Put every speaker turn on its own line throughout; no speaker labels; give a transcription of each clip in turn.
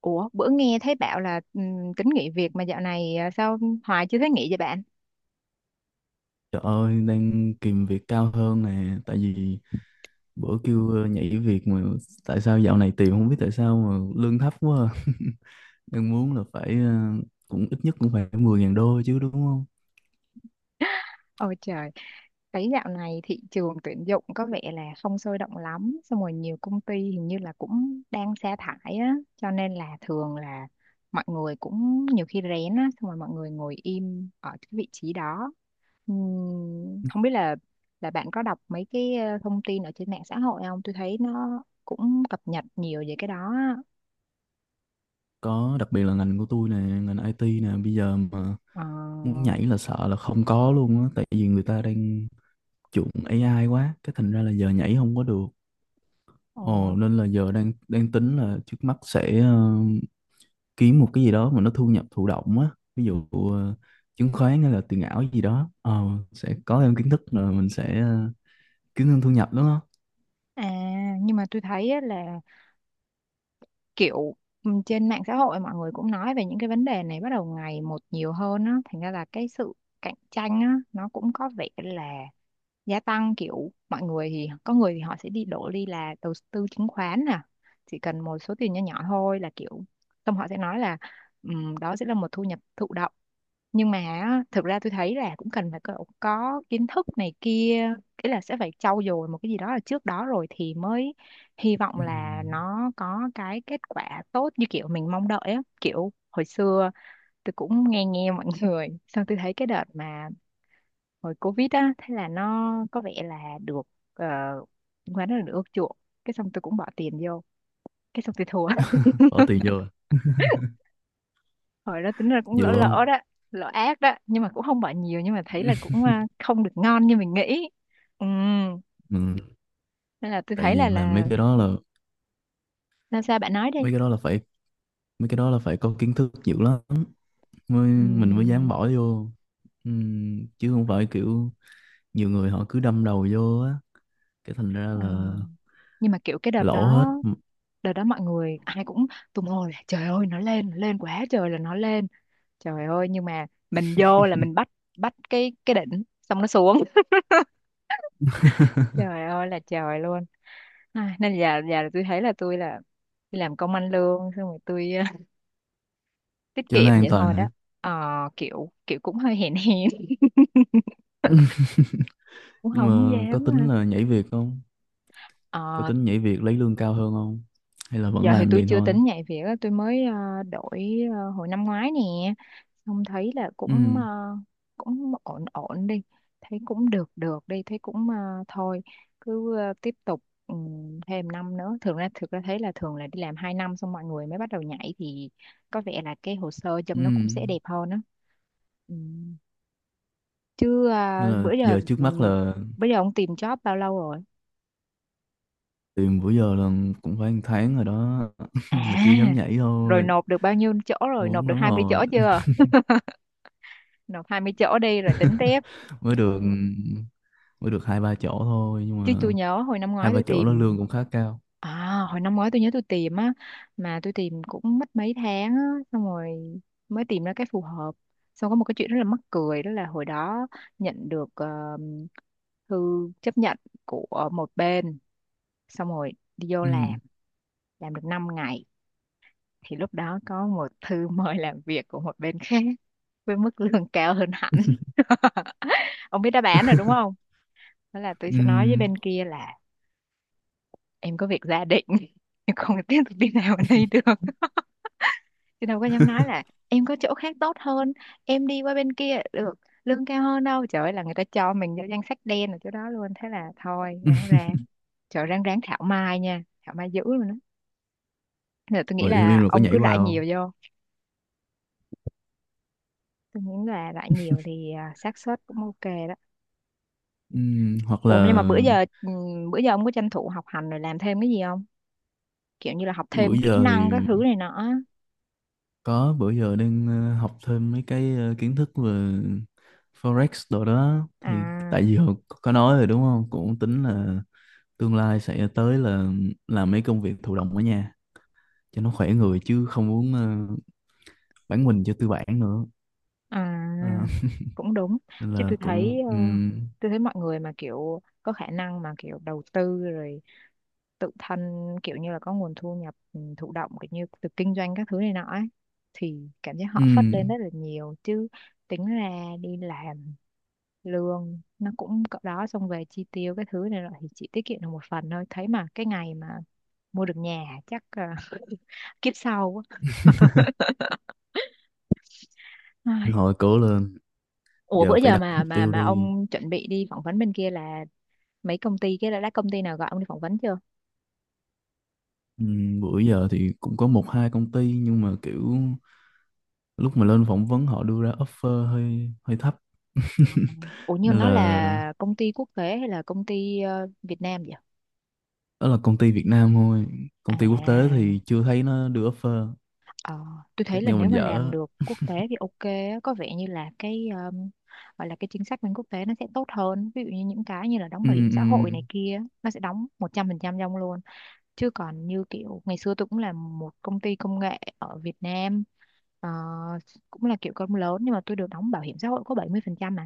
Ủa, bữa nghe thấy bảo là tính nghỉ việc mà dạo này, à, sao Hoài chưa thấy nghỉ vậy bạn?
Trời ơi, đang kìm việc cao hơn nè, tại vì bữa kêu nhảy việc mà tại sao dạo này tìm không biết tại sao mà lương thấp quá. À. Đang muốn là phải cũng ít nhất cũng phải 10.000 đô chứ đúng không?
Ôi trời, thấy dạo này thị trường tuyển dụng có vẻ là không sôi động lắm, xong rồi nhiều công ty hình như là cũng đang sa thải á, cho nên là thường là mọi người cũng nhiều khi rén á, xong rồi mọi người ngồi im ở cái vị trí đó. Ừm, không biết là bạn có đọc mấy cái thông tin ở trên mạng xã hội không? Tôi thấy nó cũng cập nhật nhiều về cái đó á.
Có đặc biệt là ngành của tôi nè, ngành IT nè, bây giờ mà
Ờ,
muốn nhảy là sợ là không có luôn á, tại vì người ta đang chuộng AI quá, cái thành ra là giờ nhảy không có được.
ờ,
Ồ nên là giờ đang đang tính là trước mắt sẽ kiếm một cái gì đó mà nó thu nhập thụ động á, ví dụ chứng khoán hay là tiền ảo gì đó, sẽ có thêm kiến thức rồi mình sẽ kiếm thêm thu nhập đúng không.
À, nhưng mà tôi thấy á là kiểu, ừ, trên mạng xã hội mọi người cũng nói về những cái vấn đề này bắt đầu ngày một nhiều hơn á, thành ra là cái sự cạnh tranh á nó cũng có vẻ là gia tăng, kiểu mọi người thì có người thì họ sẽ đi đổ đi là đầu tư chứng khoán nè, chỉ cần một số tiền nhỏ nhỏ thôi là kiểu xong họ sẽ nói là, đó sẽ là một thu nhập thụ động. Nhưng mà á, thực ra tôi thấy là cũng cần phải có kiến thức này kia, ý là sẽ phải trau dồi một cái gì đó là trước đó rồi thì mới hy vọng
Ừ.
là nó có cái kết quả tốt như kiểu mình mong đợi á. Kiểu hồi xưa tôi cũng nghe nghe mọi người xong tôi thấy cái đợt mà hồi Covid á thế là nó có vẻ là được, chứng khoán nó được ưa chuộng, cái xong tôi cũng bỏ tiền vô, cái xong tôi thua.
Bỏ tiền vô à?
Hồi đó tính ra cũng lỡ
Nhiều không?
lỡ đó, lỡ ác đó, nhưng mà cũng không bệnh nhiều, nhưng mà thấy là cũng, à, không được ngon như mình nghĩ. Ừ,
Mình,
nên là tôi
tại
thấy là
vì mà mấy cái đó là,
sao, sao bạn nói đi.
mấy cái đó là phải, mấy cái đó là phải có kiến thức nhiều lắm mới, mình mới dám
Ừm,
bỏ vô. Chứ không phải kiểu nhiều người họ cứ đâm đầu vô á, cái thành ra
à,
là
nhưng mà kiểu cái đợt
lỗ
đó,
hết.
đợt đó mọi người ai cũng tung hô là trời ơi nó lên, nó lên quá trời là nó lên, trời ơi, nhưng mà mình vô là mình bắt bắt cái đỉnh xong nó xuống. Trời ơi là trời luôn. Ai, nên giờ, là tôi thấy là tôi là đi làm công ăn lương xong rồi tôi tiết
Cho nó
kiệm
an
vậy
toàn
thôi đó.
hả?
Ờ, kiểu kiểu cũng hơi hèn hèn. Cũng
Nhưng
không
mà
dám.
có tính là nhảy việc không? Có
ờ,
tính nhảy việc lấy lương cao hơn không? Hay là vẫn
Giờ thì
làm
tôi
vậy
chưa
thôi?
tính nhảy việc á, tôi mới đổi, hồi năm ngoái nè, xong thấy là cũng,
Ừ,
cũng ổn ổn đi, thấy cũng được được đi, thấy cũng, thôi cứ, tiếp tục, ừ, thêm năm nữa. Thường ra, thực ra thấy là thường là đi làm 2 năm xong mọi người mới bắt đầu nhảy thì có vẻ là cái hồ sơ
ừ.
trong nó cũng sẽ đẹp hơn á. Ừ. Chứ, à,
Nên là
bữa giờ,
giờ trước mắt là
ông tìm job bao lâu rồi?
tìm bữa giờ là cũng phải 1 tháng rồi đó.
À,
Mà chưa dám nhảy
rồi
thôi,
nộp được bao nhiêu chỗ rồi, nộp
muốn
được
lắm
20
rồi.
chỗ chưa? Nộp 20 chỗ đi rồi tính tiếp.
Mới được, mới được 2 3 chỗ thôi nhưng
Chứ tôi
mà
nhớ hồi năm
hai
ngoái
ba
tôi
chỗ đó
tìm,
lương cũng khá cao.
à, hồi năm ngoái tôi nhớ tôi tìm á, mà tôi tìm cũng mất mấy tháng á, xong rồi mới tìm ra cái phù hợp. Xong có một cái chuyện rất là mắc cười đó là hồi đó nhận được, thư chấp nhận của một bên, xong rồi đi vô
Ừ.
làm được 5 ngày thì lúc đó có một thư mời làm việc của một bên khác với mức lương cao hơn hẳn. Ông biết đáp án rồi đúng không? Đó là tôi
Ừ.
sẽ nói với bên kia là em có việc gia đình, em không tiếp tục đi nào ở đây được, chứ đâu có dám nói là em có chỗ khác tốt hơn, em đi qua bên kia được lương cao hơn đâu. Trời ơi là người ta cho mình vô danh sách đen ở chỗ đó luôn, thế là thôi ráng ráng trời, ráng ráng thảo mai nha, thảo mai dữ luôn đó. Nên là tôi nghĩ
Mà im im
là
rồi có
ông
nhảy
cứ
qua
rải
không?
nhiều vô, tôi nghĩ là rải nhiều thì, à, xác suất cũng ok đó.
Ừ. Hoặc
Ủa nhưng mà
là
bữa giờ, ông có tranh thủ học hành rồi làm thêm cái gì không? Kiểu như là học
bữa
thêm kỹ
giờ
năng các
thì
thứ này nọ á.
có, bữa giờ đang học thêm mấy cái kiến thức về Forex đồ đó thì
À,
tại vì hồi có nói rồi đúng không? Cũng tính là tương lai sẽ tới là làm mấy công việc thụ động ở nhà cho nó khỏe người chứ không muốn bán mình cho tư bản nữa. Ờ,
à, cũng đúng.
nên
Chứ
là
tôi
cũng
thấy, mọi người mà kiểu có khả năng mà kiểu đầu tư rồi tự thân, kiểu như là có nguồn thu nhập, thụ động kiểu như từ kinh doanh các thứ này nọ ấy, thì cảm giác họ phất lên rất
ừm,
là nhiều. Chứ tính ra đi làm lương nó cũng cỡ đó, xong về chi tiêu cái thứ này rồi thì chỉ tiết kiệm được một phần thôi, thấy mà cái ngày mà mua được nhà hả? Chắc, kiếp sau quá. Ai.
hồi cố lên,
Ủa bữa
giờ phải
giờ
đặt
mà
mục
mà
tiêu
mà
đi.
ông chuẩn bị đi phỏng vấn bên kia là mấy công ty, cái là đã công ty nào gọi ông đi phỏng vấn chưa?
Bữa giờ thì cũng có 1 2 công ty nhưng mà kiểu lúc mà lên phỏng vấn họ đưa ra offer hơi hơi thấp.
Ủa nhưng
Nên
nó
là
là công ty quốc tế hay là công ty, Việt Nam vậy?
đó là công ty Việt Nam thôi, công ty quốc tế
À,
thì chưa thấy nó đưa offer.
ờ, tôi thấy
Chắc
là
do mình
nếu mà làm
dở.
được quốc tế thì ok á, có vẻ như là cái, gọi là cái chính sách bên quốc tế nó sẽ tốt hơn, ví dụ như những cái như là đóng
Ừ,
bảo hiểm xã hội
ừ.
này kia nó sẽ đóng 100% cho ông luôn. Chứ còn như kiểu ngày xưa tôi cũng là một công ty công nghệ ở Việt Nam, ờ, cũng là kiểu công lớn, nhưng mà tôi được đóng bảo hiểm xã hội có 70% mà.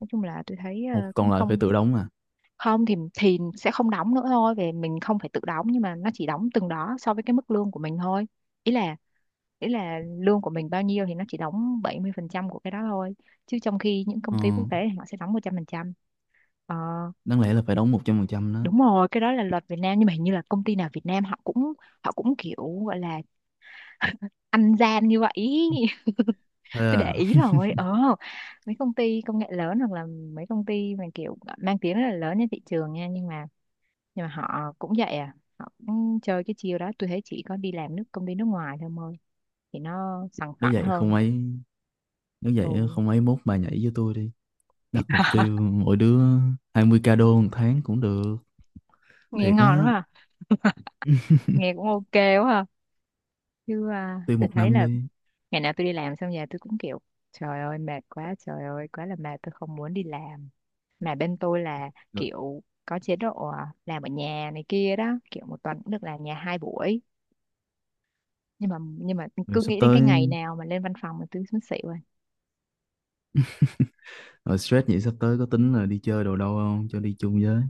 Nói chung là tôi thấy,
Ủa,
cũng
còn lại phải
không,
tự đóng à?
không thì sẽ không đóng nữa thôi, về mình không phải tự đóng, nhưng mà nó chỉ đóng từng đó so với cái mức lương của mình thôi, ý là lương của mình bao nhiêu thì nó chỉ đóng 70% của cái đó thôi, chứ trong khi những
Ờ,
công ty quốc tế thì họ sẽ đóng 100%. Ờ,
đáng lẽ là phải đóng 100% đó.
đúng rồi, cái đó là luật Việt Nam, nhưng mà hình như là công ty nào Việt Nam họ cũng, kiểu gọi là ăn gian như vậy ý.
Thế
Tôi để
à?
ý rồi, ờ, mấy công ty công nghệ lớn hoặc là mấy công ty mà kiểu mang tiếng rất là lớn trên thị trường nha, nhưng mà, họ cũng vậy, à họ cũng chơi cái chiêu đó. Tôi thấy chỉ có đi làm nước công ty nước ngoài thôi mời thì nó sòng
nếu
phẳng
vậy không
hơn.
ấy nếu vậy
Ừ.
không ấy mốt bà nhảy với tôi đi, đặt mục tiêu mỗi đứa 20K đô 1 tháng cũng được.
Nghe
Thiệt
ngon quá
á,
à. Nghe cũng ok quá à. Chứ à,
tiêu
tôi
một
thấy
năm
là
đi.
ngày nào tôi đi làm xong về tôi cũng kiểu trời ơi mệt quá, trời ơi quá là mệt, tôi không muốn đi làm. Mà bên tôi là
Rồi,
kiểu có chế độ, à, làm ở nhà này kia đó, kiểu một tuần cũng được làm nhà 2 buổi, nhưng mà,
rồi
cứ
sắp
nghĩ đến
tới,
cái ngày nào mà lên văn phòng mà tôi muốn xỉu rồi.
rồi stress vậy sắp tới có tính là đi chơi đồ đâu không? Cho đi chung với.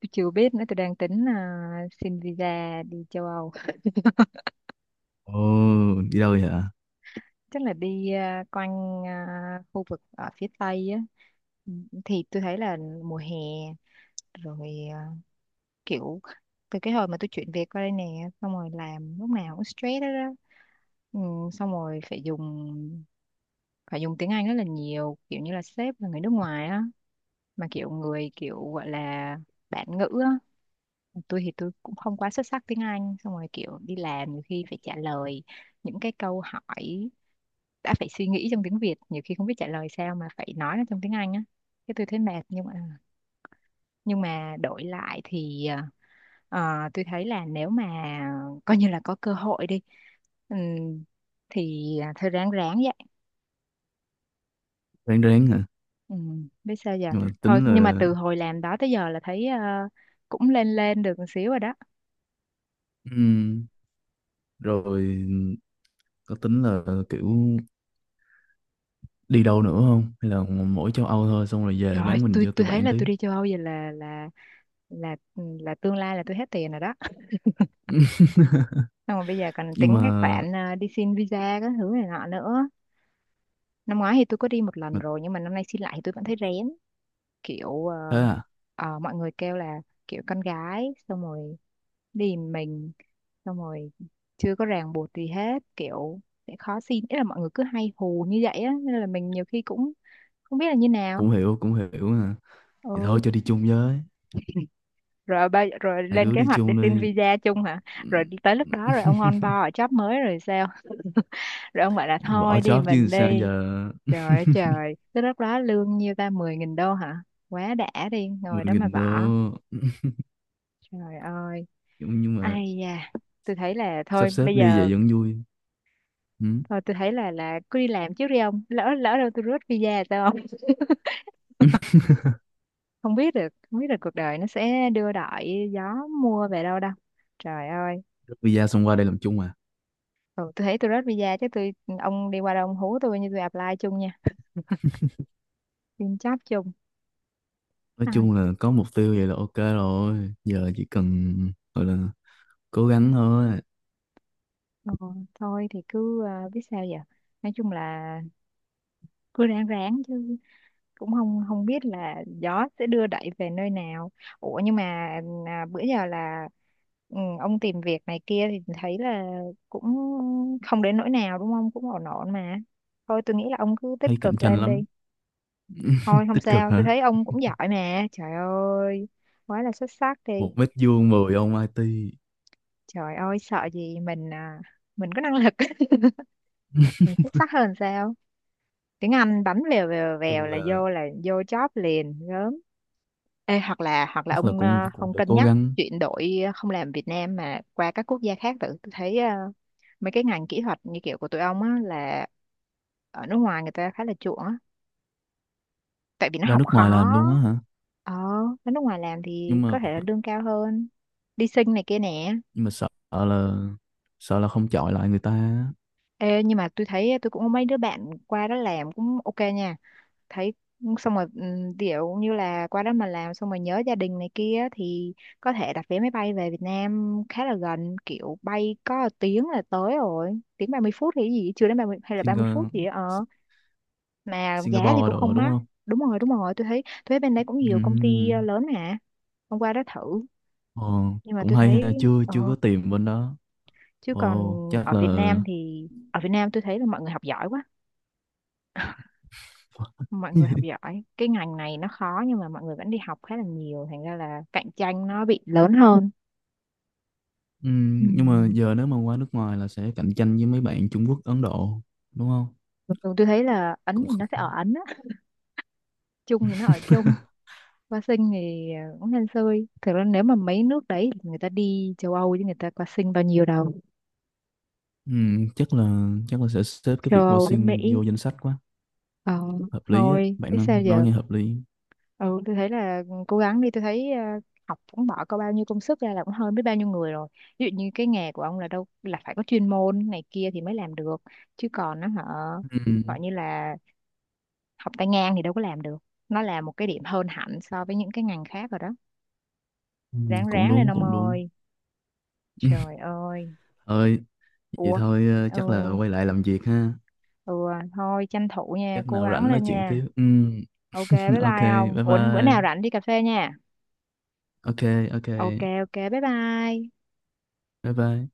Tôi chưa biết nữa, tôi đang tính, à, xin visa đi châu Âu,
Ồ, đi đâu vậy hả?
chắc là đi, à, quanh, à, khu vực ở phía Tây á. Ừ, thì tôi thấy là mùa hè rồi, à, kiểu từ cái hồi mà tôi chuyển việc qua đây nè, xong rồi làm lúc nào cũng stress đó, đó. Ừ, xong rồi phải dùng tiếng Anh rất là nhiều, kiểu như là sếp là người nước ngoài á, mà kiểu người kiểu gọi là bản ngữ á. Tôi thì tôi cũng không quá xuất sắc tiếng Anh, xong rồi kiểu đi làm nhiều khi phải trả lời những cái câu hỏi đã phải suy nghĩ trong tiếng Việt, nhiều khi không biết trả lời sao mà phải nói nó trong tiếng Anh á. Cái tôi thấy mệt, nhưng mà đổi lại thì ờ, tôi thấy là nếu mà coi như là có cơ hội đi, ừm, thì thôi ráng ráng vậy.
Ráng ráng hả?
Ừ, biết sao giờ.
Rồi
Thôi
tính
nhưng mà
là...
từ hồi làm đó tới giờ là thấy cũng lên lên được một xíu rồi đó.
ừm, rồi có tính là kiểu đi đâu nữa không? Hay là mỗi châu Âu thôi xong rồi về
Trời ơi,
bán mình
tôi
cho
tôi
tụi
thấy
bạn
là tôi
tiếp.
đi châu Âu vậy là tương lai là tôi hết tiền rồi đó. Xong rồi bây giờ còn
Nhưng
tính cái
mà...
khoản đi xin visa các thứ này nọ nữa. Năm ngoái thì tôi có đi một lần
mà
rồi, nhưng mà năm nay xin lại thì tôi vẫn thấy rén. Kiểu
thế à?
mọi người kêu là kiểu con gái, xong rồi đi mình, xong rồi chưa có ràng buộc gì hết, kiểu sẽ khó xin. Ý là mọi người cứ hay hù như vậy á, nên là mình nhiều khi cũng không biết là như nào.
Cũng hiểu hả? Thì thôi
Ừ,
cho đi chung với.
rồi ba rồi
Hai
lên
đứa
kế
đi
hoạch để
chung
xin
đi.
visa chung hả? Rồi tới lúc đó rồi ông on board ở job mới rồi sao? Rồi ông bảo là
Bỏ
thôi đi
job chứ
mình
sao
đi.
giờ.
Trời ơi trời, tới lúc đó lương nhiêu ta, 10.000 đô hả? Quá đã, đi
mười
ngồi đó mà
nghìn đô.
bỏ. Trời ơi.
Nhưng mà
Ai da. Tôi thấy là thôi
sắp xếp
bây
đi
giờ.
vậy vẫn vui. Ừ.
Thôi tôi thấy là cứ đi làm trước đi ông. Lỡ lỡ đâu tôi rớt visa là sao không? Không biết được, không biết được cuộc đời nó sẽ đưa đợi gió mua về đâu đâu. Trời ơi.
Rút visa xong qua đây làm chung à?
Ừ, tôi thấy tôi rớt visa chứ tôi, ông đi qua đâu ông hú tôi, như tôi apply chung nha. Xin job chung.
Nói
Ai,
chung là có mục tiêu vậy là ok rồi, giờ chỉ cần gọi là cố gắng thôi.
ờ, thôi thì cứ biết sao giờ. Nói chung là cứ ráng ráng chứ, cũng không không biết là gió sẽ đưa đẩy về nơi nào. Ủa nhưng mà bữa giờ là, ừ, ông tìm việc này kia thì thấy là cũng không đến nỗi nào đúng không, cũng ổn ổn mà. Thôi tôi nghĩ là ông cứ
Thấy
tích
cạnh
cực
tranh
lên đi.
lắm.
Thôi không
Tích cực
sao, tôi
hả?
thấy ông cũng giỏi mà, trời ơi, quá là xuất sắc đi.
1 mét vuông 10 ông IT.
Trời ơi sợ gì, mình à, mình có năng lực. Mình xuất sắc hơn sao, tiếng Anh bấm vèo vèo vèo
Chung
là
là
vô là vô job liền gớm. Ê, hoặc là
chắc là
ông
cũng cũng
không
phải
cân
cố
nhắc
gắng.
chuyển đổi, không làm Việt Nam mà qua các quốc gia khác. Tự tôi thấy mấy cái ngành kỹ thuật như kiểu của tụi ông á là ở nước ngoài người ta khá là chuộng á, tại vì nó
Ra
học
nước ngoài làm
khó.
luôn á hả?
Ờ, ở nước ngoài làm thì
nhưng
có
mà
thể là lương cao hơn, đi sinh này kia nè.
nhưng mà sợ là, sợ là không chọi lại người ta á.
Ê, nhưng mà tôi thấy tôi cũng có mấy đứa bạn qua đó làm cũng ok nha. Thấy xong rồi ví dụ như là qua đó mà làm xong rồi nhớ gia đình này kia thì có thể đặt vé máy bay về Việt Nam khá là gần, kiểu bay có 1 tiếng là tới rồi, tiếng 30 phút thì cái gì, chưa đến 30 hay là 30 phút
Singa,
gì đó. Ờ mà giá thì
Singapore
cũng
đồ
không
đúng
mắc.
không?
Đúng rồi, đúng rồi, tôi thấy bên đấy cũng nhiều công ty
Ừm.
lớn mà, hôm qua đó thử.
Ồ,
Nhưng mà
cũng
tôi
hay
thấy
ha, chưa chưa có tìm bên đó.
chứ còn
Ồ chắc
ở Việt
là.
Nam thì ở Việt Nam tôi thấy là mọi người học giỏi quá. Mọi người học giỏi, cái ngành này nó khó, nhưng mà mọi người vẫn đi học khá là nhiều, thành ra là cạnh tranh nó bị lớn hơn.
Ừ,
Ừ.
nhưng mà giờ nếu mà qua nước ngoài là sẽ cạnh tranh với mấy bạn Trung Quốc, Ấn Độ, đúng không?
Thường thường tôi thấy là Ấn
Cũng
thì
kh-,
nó sẽ ở Ấn á, Trung thì nó ở Trung. Qua sinh thì cũng hên xui, thực ra nếu mà mấy nước đấy thì người ta đi châu Âu chứ người ta qua sinh bao nhiêu đâu.
ừ, chắc là sẽ xếp cái
Châu
việc qua
Âu với
sinh
Mỹ.
vô danh sách quá.
Ờ.
Hợp lý á
Thôi
bạn
biết sao
nói
giờ.
nghe hợp lý.
Ừ, tôi thấy là, ừ, cố gắng đi, tôi thấy học cũng bỏ có bao nhiêu công sức ra là cũng hơn biết bao nhiêu người rồi. Ví dụ như cái nghề của ông là đâu là phải có chuyên môn này kia thì mới làm được, chứ còn nó họ
Ừ,
gọi như là học tay ngang thì đâu có làm được. Nó là một cái điểm hơn hẳn so với những cái ngành khác rồi đó.
ừ,
Ráng
cũng
ráng lên
đúng
ông
cũng đúng.
ơi. Trời ơi.
Ơi, vậy
Ủa.
thôi
Ừ,
chắc là quay lại làm việc ha.
ừ thôi tranh thủ nha,
Chắc
cố
nào
gắng
rảnh nói
lên
chuyện
nha.
tiếp, ừ,
Ok, bye
ok,
bye ông.
bye
Ủa bữa nào
bye.
rảnh đi cà phê nha.
Ok ok,
Ok ok, bye bye.
bye bye.